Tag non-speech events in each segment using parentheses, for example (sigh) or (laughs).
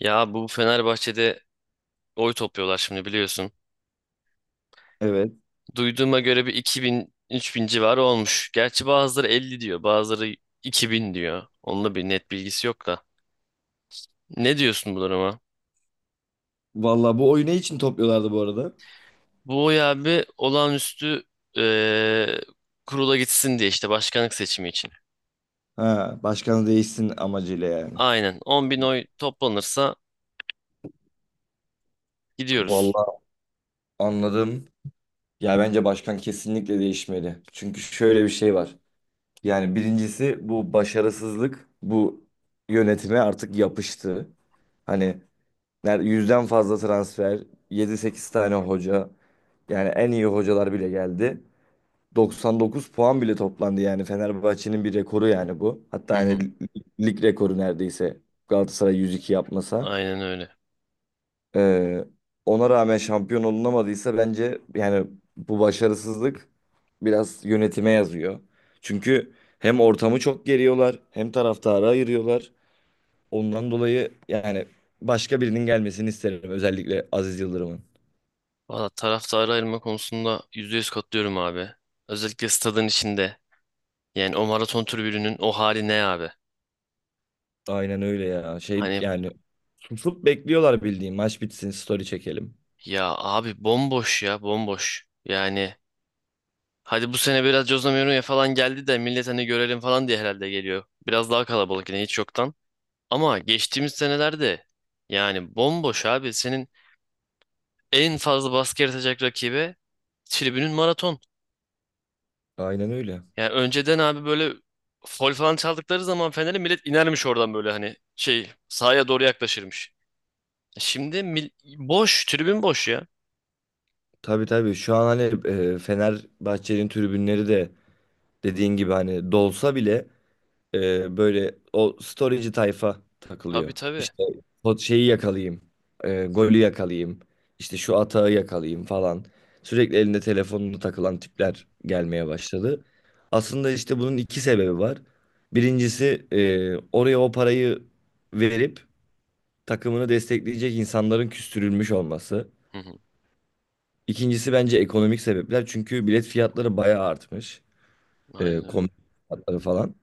Ya bu Fenerbahçe'de oy topluyorlar şimdi biliyorsun. Evet. Duyduğuma göre bir iki bin üç bin civarı olmuş. Gerçi bazıları 50 diyor, bazıları 2000 diyor. Onunla bir net bilgisi yok da. Ne diyorsun bu duruma? Vallahi bu oyunu için topluyorlardı bu arada. Bu oy abi olağanüstü, eee, kurula gitsin diye işte başkanlık seçimi için. Ha, başkanı değişsin amacıyla yani. Aynen. 10 bin oy toplanırsa gidiyoruz. Vallahi anladım. Ya bence başkan kesinlikle değişmeli. Çünkü şöyle bir şey var. Yani birincisi bu başarısızlık bu yönetime artık yapıştı. Hani 100'den fazla transfer, yedi sekiz tane hoca. Yani en iyi hocalar bile geldi. 99 puan bile toplandı yani Fenerbahçe'nin bir rekoru yani bu. Hı Hatta yani hı, lig rekoru neredeyse Galatasaray 102 yapmasa. aynen öyle. Ee, Ona rağmen şampiyon olunamadıysa bence yani bu başarısızlık biraz yönetime yazıyor. Çünkü hem ortamı çok geriyorlar hem taraftarı ayırıyorlar. Ondan dolayı yani başka birinin gelmesini isterim, özellikle Aziz Yıldırım'ın. Valla taraftarı ayırma konusunda %100 katılıyorum abi. Özellikle stadın içinde. Yani o maraton tribününün o hali ne abi? Aynen öyle ya. Şey Hani yani susup bekliyorlar, bildiğin maç bitsin story çekelim. ya abi bomboş ya bomboş. Yani hadi bu sene biraz Jose Mourinho falan geldi de millet hani görelim falan diye herhalde geliyor. Biraz daha kalabalık yine hiç yoktan. Ama geçtiğimiz senelerde yani bomboş abi. Senin en fazla baskı yaratacak rakibe tribünün maraton. Aynen öyle. Yani önceden abi böyle fol falan çaldıkları zaman Fener'e millet inermiş oradan böyle hani şey sahaya doğru yaklaşırmış. Şimdi boş tribün boş ya. Tabii tabii, şu an hani Fenerbahçe'nin tribünleri de dediğin gibi hani dolsa bile böyle o storyci tayfa takılıyor. Tabii tabii. İşte o şeyi yakalayayım, golü yakalayayım, işte şu atağı yakalayayım falan. Sürekli elinde telefonunu takılan tipler gelmeye başladı. Aslında işte bunun iki sebebi var. Birincisi oraya o parayı verip takımını destekleyecek insanların küstürülmüş olması. Hı hı, İkincisi bence ekonomik sebepler. Çünkü bilet fiyatları bayağı artmış. Aynen öyle. Kombi fiyatları falan.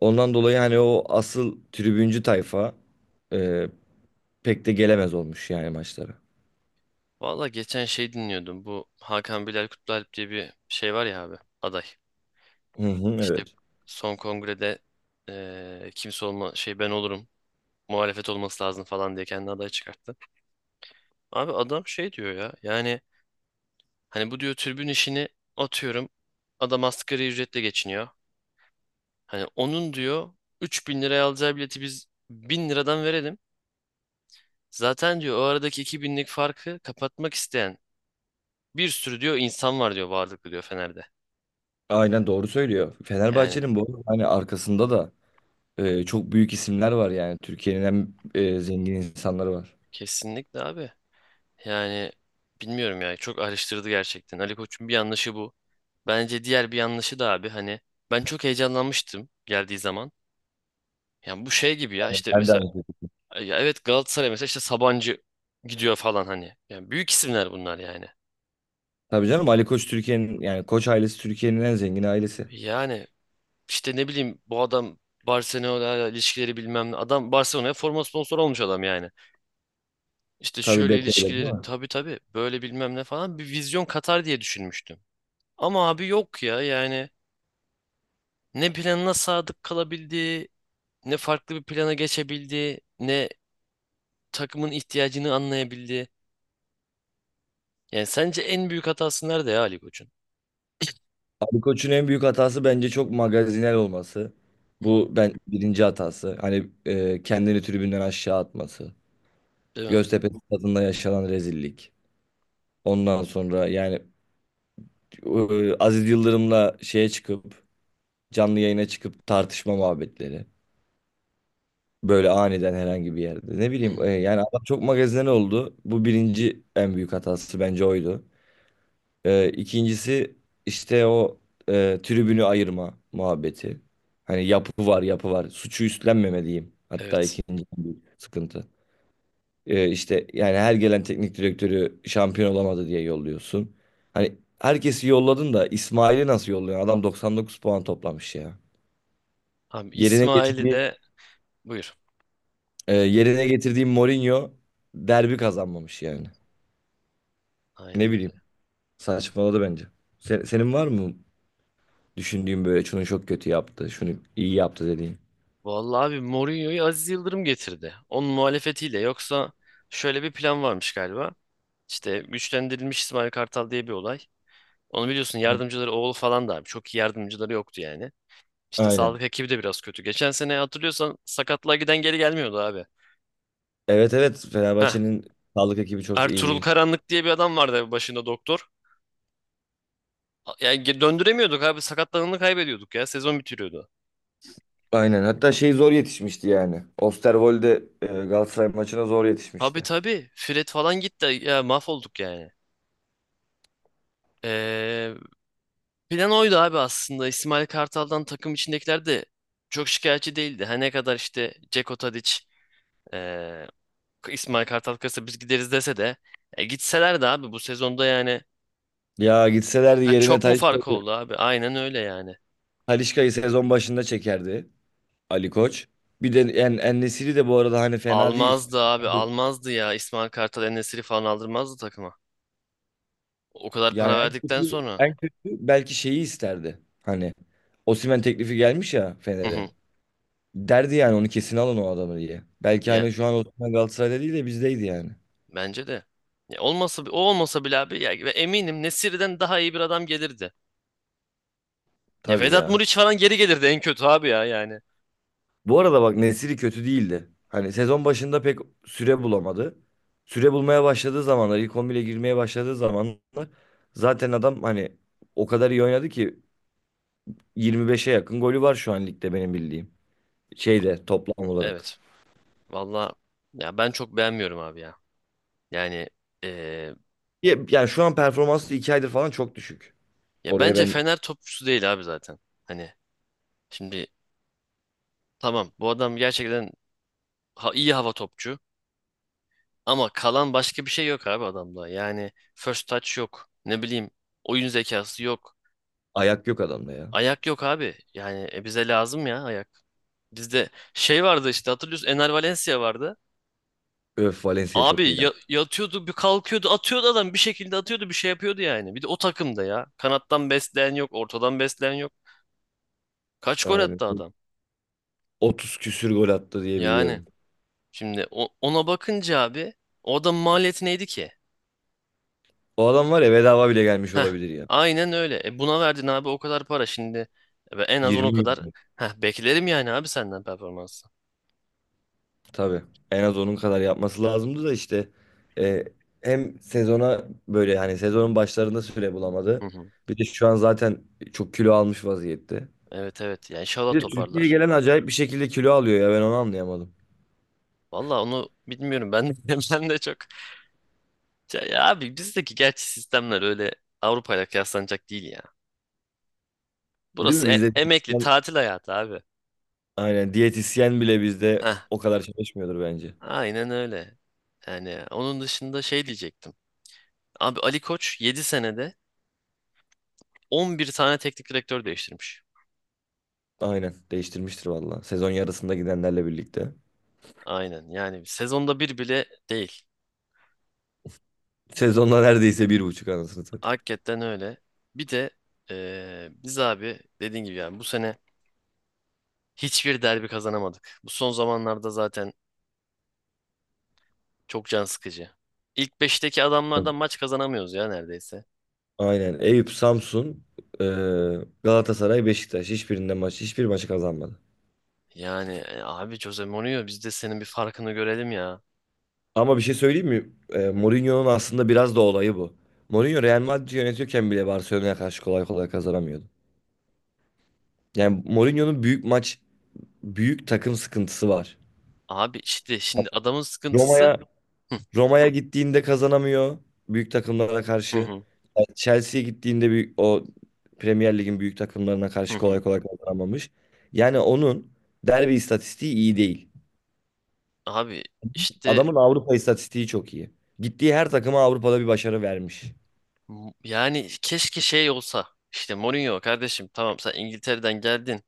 Ondan dolayı hani o asıl tribüncü tayfa e, pek de gelemez olmuş yani maçlara. Valla geçen şey dinliyordum. Bu Hakan Bilal Kutlualp diye bir şey var ya abi. Aday. Hı hı, İşte evet. son kongrede kimse olma şey ben olurum. Muhalefet olması lazım falan diye kendi aday çıkarttı. Abi adam şey diyor ya. Yani hani bu diyor tribün işini atıyorum. Adam asgari ücretle geçiniyor. Hani onun diyor 3000 liraya alacağı bileti biz 1000 liradan verelim. Zaten diyor o aradaki 2 binlik farkı kapatmak isteyen bir sürü diyor insan var diyor varlıklı diyor Fener'de. Aynen, doğru söylüyor. Yani Fenerbahçe'nin bu arada hani arkasında da çok büyük isimler var yani. Türkiye'nin en zengin insanları var. kesinlikle abi. Yani bilmiyorum ya çok araştırdı gerçekten. Ali Koç'un bir yanlışı bu. Bence diğer bir yanlışı da abi hani ben çok heyecanlanmıştım geldiği zaman. Yani bu şey gibi ya işte Ben de mesela aynı şekilde. ya evet Galatasaray mesela işte Sabancı gidiyor falan hani. Yani büyük isimler bunlar yani. Tabii canım, Ali Koç Türkiye'nin yani Koç ailesi Türkiye'nin en zengin ailesi. Yani işte ne bileyim bu adam Barcelona'yla ilişkileri bilmem ne. Adam Barcelona'ya forma sponsoru olmuş adam yani. İşte Tabii şöyle Beko, öyle değil ilişkileri mi? tabii tabii böyle bilmem ne falan bir vizyon katar diye düşünmüştüm. Ama abi yok ya yani ne planına sadık kalabildi, ne farklı bir plana geçebildi, ne takımın ihtiyacını anlayabildi. Yani sence en büyük hatası nerede ya Ali Koç'un? Ali Koç'un en büyük hatası bence çok magazinel olması. Hı hı, Bu ben birinci hatası. Hani kendini tribünden aşağı atması. değil mi? Göztepe stadında yaşanan rezillik. Ondan sonra yani Aziz Yıldırım'la şeye çıkıp canlı yayına çıkıp tartışma muhabbetleri. Böyle aniden herhangi bir yerde. Ne Hı bileyim hı, yani adam çok magazinel oldu. Bu birinci en büyük hatası bence oydu. İkincisi işte o tribünü ayırma muhabbeti. Hani yapı var yapı var. Suçu üstlenmemeliyim. Hatta evet. ikinci en büyük sıkıntı. İşte yani her gelen teknik direktörü şampiyon olamadı diye yolluyorsun. Hani herkesi yolladın da İsmail'i nasıl yolluyorsun? Adam 99 puan toplamış ya. Abi Yerine İsmail'i getirdiğim de buyur. yerine getirdiğim Mourinho derbi kazanmamış yani. Ne Aynen bileyim, öyle. saçmaladı bence. Senin var mı düşündüğüm, böyle şunu çok kötü yaptı, şunu iyi yaptı dediğin? Vallahi abi Mourinho'yu Aziz Yıldırım getirdi. Onun muhalefetiyle yoksa şöyle bir plan varmış galiba. İşte güçlendirilmiş İsmail Kartal diye bir olay. Onu biliyorsun Hı. yardımcıları oğlu falan da abi. Çok iyi yardımcıları yoktu yani. İşte Aynen. sağlık ekibi de biraz kötü. Geçen sene hatırlıyorsan sakatlığa giden geri gelmiyordu abi. Evet, evet, Heh. Fenerbahçe'nin sağlık ekibi çok iyi Ertuğrul değil. Karanlık diye bir adam vardı abi başında doktor. Yani döndüremiyorduk abi sakatlananı kaybediyorduk ya sezon bitiriyordu. Aynen, hatta şey zor yetişmişti yani. Osterwolde Galatasaray maçına zor Tabii yetişmişti. tabii Fred falan gitti ya mahvolduk yani. Ee, plan oydu abi aslında İsmail Kartal'dan takım içindekiler de çok şikayetçi değildi. Her ne kadar işte Ceko Tadic, ee, İsmail Kartal kırsa biz gideriz dese de e, gitseler de abi bu sezonda yani Ya gitselerdi ha, yerine çok mu fark Talisca'yı oldu abi? Aynen öyle yani. Talisca'yı sezon başında çekerdi Ali Koç. Bir de En-Nesyri de bu arada hani fena değil. Almazdı abi almazdı ya. İsmail Kartal, En-Nesyri falan aldırmazdı takıma. O kadar para Yani verdikten sonra. belki şeyi isterdi. Hani Osimhen teklifi gelmiş ya Hı Fener'e. hı. Derdi yani onu kesin alın o adamı diye. Belki Ya hani şu an Osimhen Galatasaray'da değil de bizdeydi yani. bence de. Ya olmasa o olmasa bile abi ya ve eminim Nesiri'den daha iyi bir adam gelirdi. Ya Tabii Vedat ya. Muriç falan geri gelirdi en kötü abi ya yani. Bu arada bak, Nesiri kötü değildi. Hani sezon başında pek süre bulamadı. Süre bulmaya başladığı zamanlar, ilk 11'e girmeye başladığı zamanlar zaten adam hani o kadar iyi oynadı ki 25'e yakın golü var şu an ligde benim bildiğim. Şeyde, toplam olarak. Evet. Valla ya ben çok beğenmiyorum abi ya. Yani eee, Yani şu an performansı 2 aydır falan çok düşük. ya Oraya bence ben. Fener topçusu değil abi zaten. Hani şimdi tamam bu adam gerçekten iyi hava topçu. Ama kalan başka bir şey yok abi adamda. Yani first touch yok. Ne bileyim oyun zekası yok. Ayak yok adamda ya. Ayak yok abi. Yani e, bize lazım ya ayak. Bizde şey vardı işte hatırlıyorsun Ener Valencia vardı. Öf, Valencia Abi çok iyiydi. Yatıyordu bir kalkıyordu atıyordu adam bir şekilde atıyordu bir şey yapıyordu yani. Bir de o takımda ya. Kanattan besleyen yok ortadan besleyen yok. Kaç gol attı Aynen. adam. 30 küsür gol attı diye Yani biliyorum. şimdi ona bakınca abi o adamın maliyeti neydi ki? O adam var ya, bedava bile gelmiş olabilir ya. Aynen öyle. E buna verdin abi o kadar para şimdi. E ben en az onu 20 kadar milyon. heh, beklerim yani abi senden performansı. Tabii. En az onun kadar yapması lazımdı da işte e, hem sezona böyle yani sezonun başlarında süre Hı bulamadı. hı. Bir de şu an zaten çok kilo almış vaziyette. Evet evet. Yani inşallah Bir de Türkiye'ye toparlar. gelen acayip bir şekilde kilo alıyor ya, ben onu anlayamadım. Valla onu bilmiyorum. Ben de, (laughs) ben de çok. Ya, ya abi bizdeki gerçi sistemler öyle Avrupa'yla kıyaslanacak değil ya. Değil mi? Burası Bizde emekli tatil hayatı abi. aynen diyetisyen bile bizde Heh, o kadar çalışmıyordur bence. aynen öyle. Yani onun dışında şey diyecektim. Abi Ali Koç 7 senede 11 tane teknik direktör değiştirmiş. Aynen değiştirmiştir valla. Sezon yarısında gidenlerle birlikte. Aynen yani sezonda bir bile değil. Sezonda neredeyse bir buçuk, anasını satayım. Hakikaten öyle. Bir de biz abi dediğin gibi yani bu sene hiçbir derbi kazanamadık. Bu son zamanlarda zaten çok can sıkıcı. İlk beşteki adamlardan maç kazanamıyoruz ya neredeyse. Aynen. Eyüp, Samsun, e, Galatasaray, Beşiktaş. Hiçbirinde maç, hiçbir maçı kazanmadı. Yani e, abi Jose Mourinho biz de senin bir farkını görelim ya. Ama bir şey söyleyeyim mi? Mourinho'nun aslında biraz da olayı bu. Mourinho Real Madrid'i yönetiyorken bile Barcelona'ya karşı kolay kolay kazanamıyordu. Yani Mourinho'nun büyük maç, büyük takım sıkıntısı var. Abi işte şimdi adamın sıkıntısı Roma'ya hı Roma'ya gittiğinde kazanamıyor büyük takımlara karşı. hı, Yani Chelsea'ye gittiğinde büyük, o Premier Lig'in büyük takımlarına hı karşı hı, kolay hı. kolay kazanamamış. Yani onun derbi istatistiği iyi değil. Abi işte Adamın Avrupa istatistiği çok iyi. Gittiği her takıma Avrupa'da bir başarı vermiş. Yani keşke şey olsa işte Mourinho kardeşim tamam sen İngiltere'den geldin.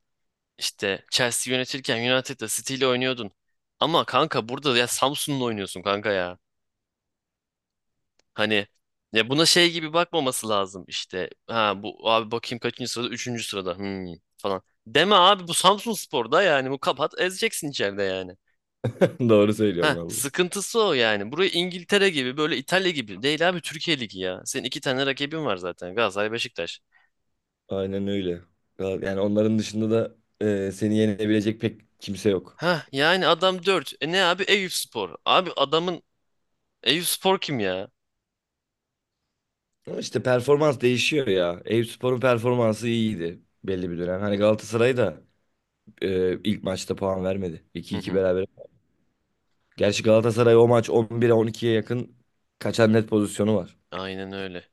İşte Chelsea yönetirken United'da City ile oynuyordun. Ama kanka burada ya Samsun'la oynuyorsun kanka ya. Hani ya buna şey gibi bakmaması lazım işte. Ha bu abi bakayım kaçıncı sırada? Üçüncü sırada. Hmm, falan. Deme abi bu Samsunspor'da yani bu kapat ezeceksin içeride yani. (laughs) Doğru söylüyorum Ha vallahi. sıkıntısı o yani. Burayı İngiltere gibi böyle İtalya gibi değil abi Türkiye Ligi ya. Senin iki tane rakibin var zaten Galatasaray Beşiktaş. Aynen öyle. Yani onların dışında da seni yenebilecek pek kimse yok. Ha yani adam 4 E ne abi Eyüpspor. Abi adamın Eyüpspor kim ya? Ama işte performans değişiyor ya. Eyüpspor'un performansı iyiydi belli bir dönem. Hani Galatasaray da ilk maçta puan vermedi. Hı 2 iki hı. beraber. Gerçi Galatasaray o maç 11'e 12'ye yakın kaçan net pozisyonu var. Aynen öyle.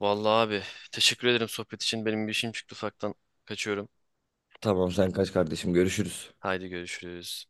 Vallahi abi teşekkür ederim sohbet için. Benim bir işim çıktı ufaktan. Kaçıyorum. Tamam, sen kaç kardeşim, görüşürüz. Haydi görüşürüz.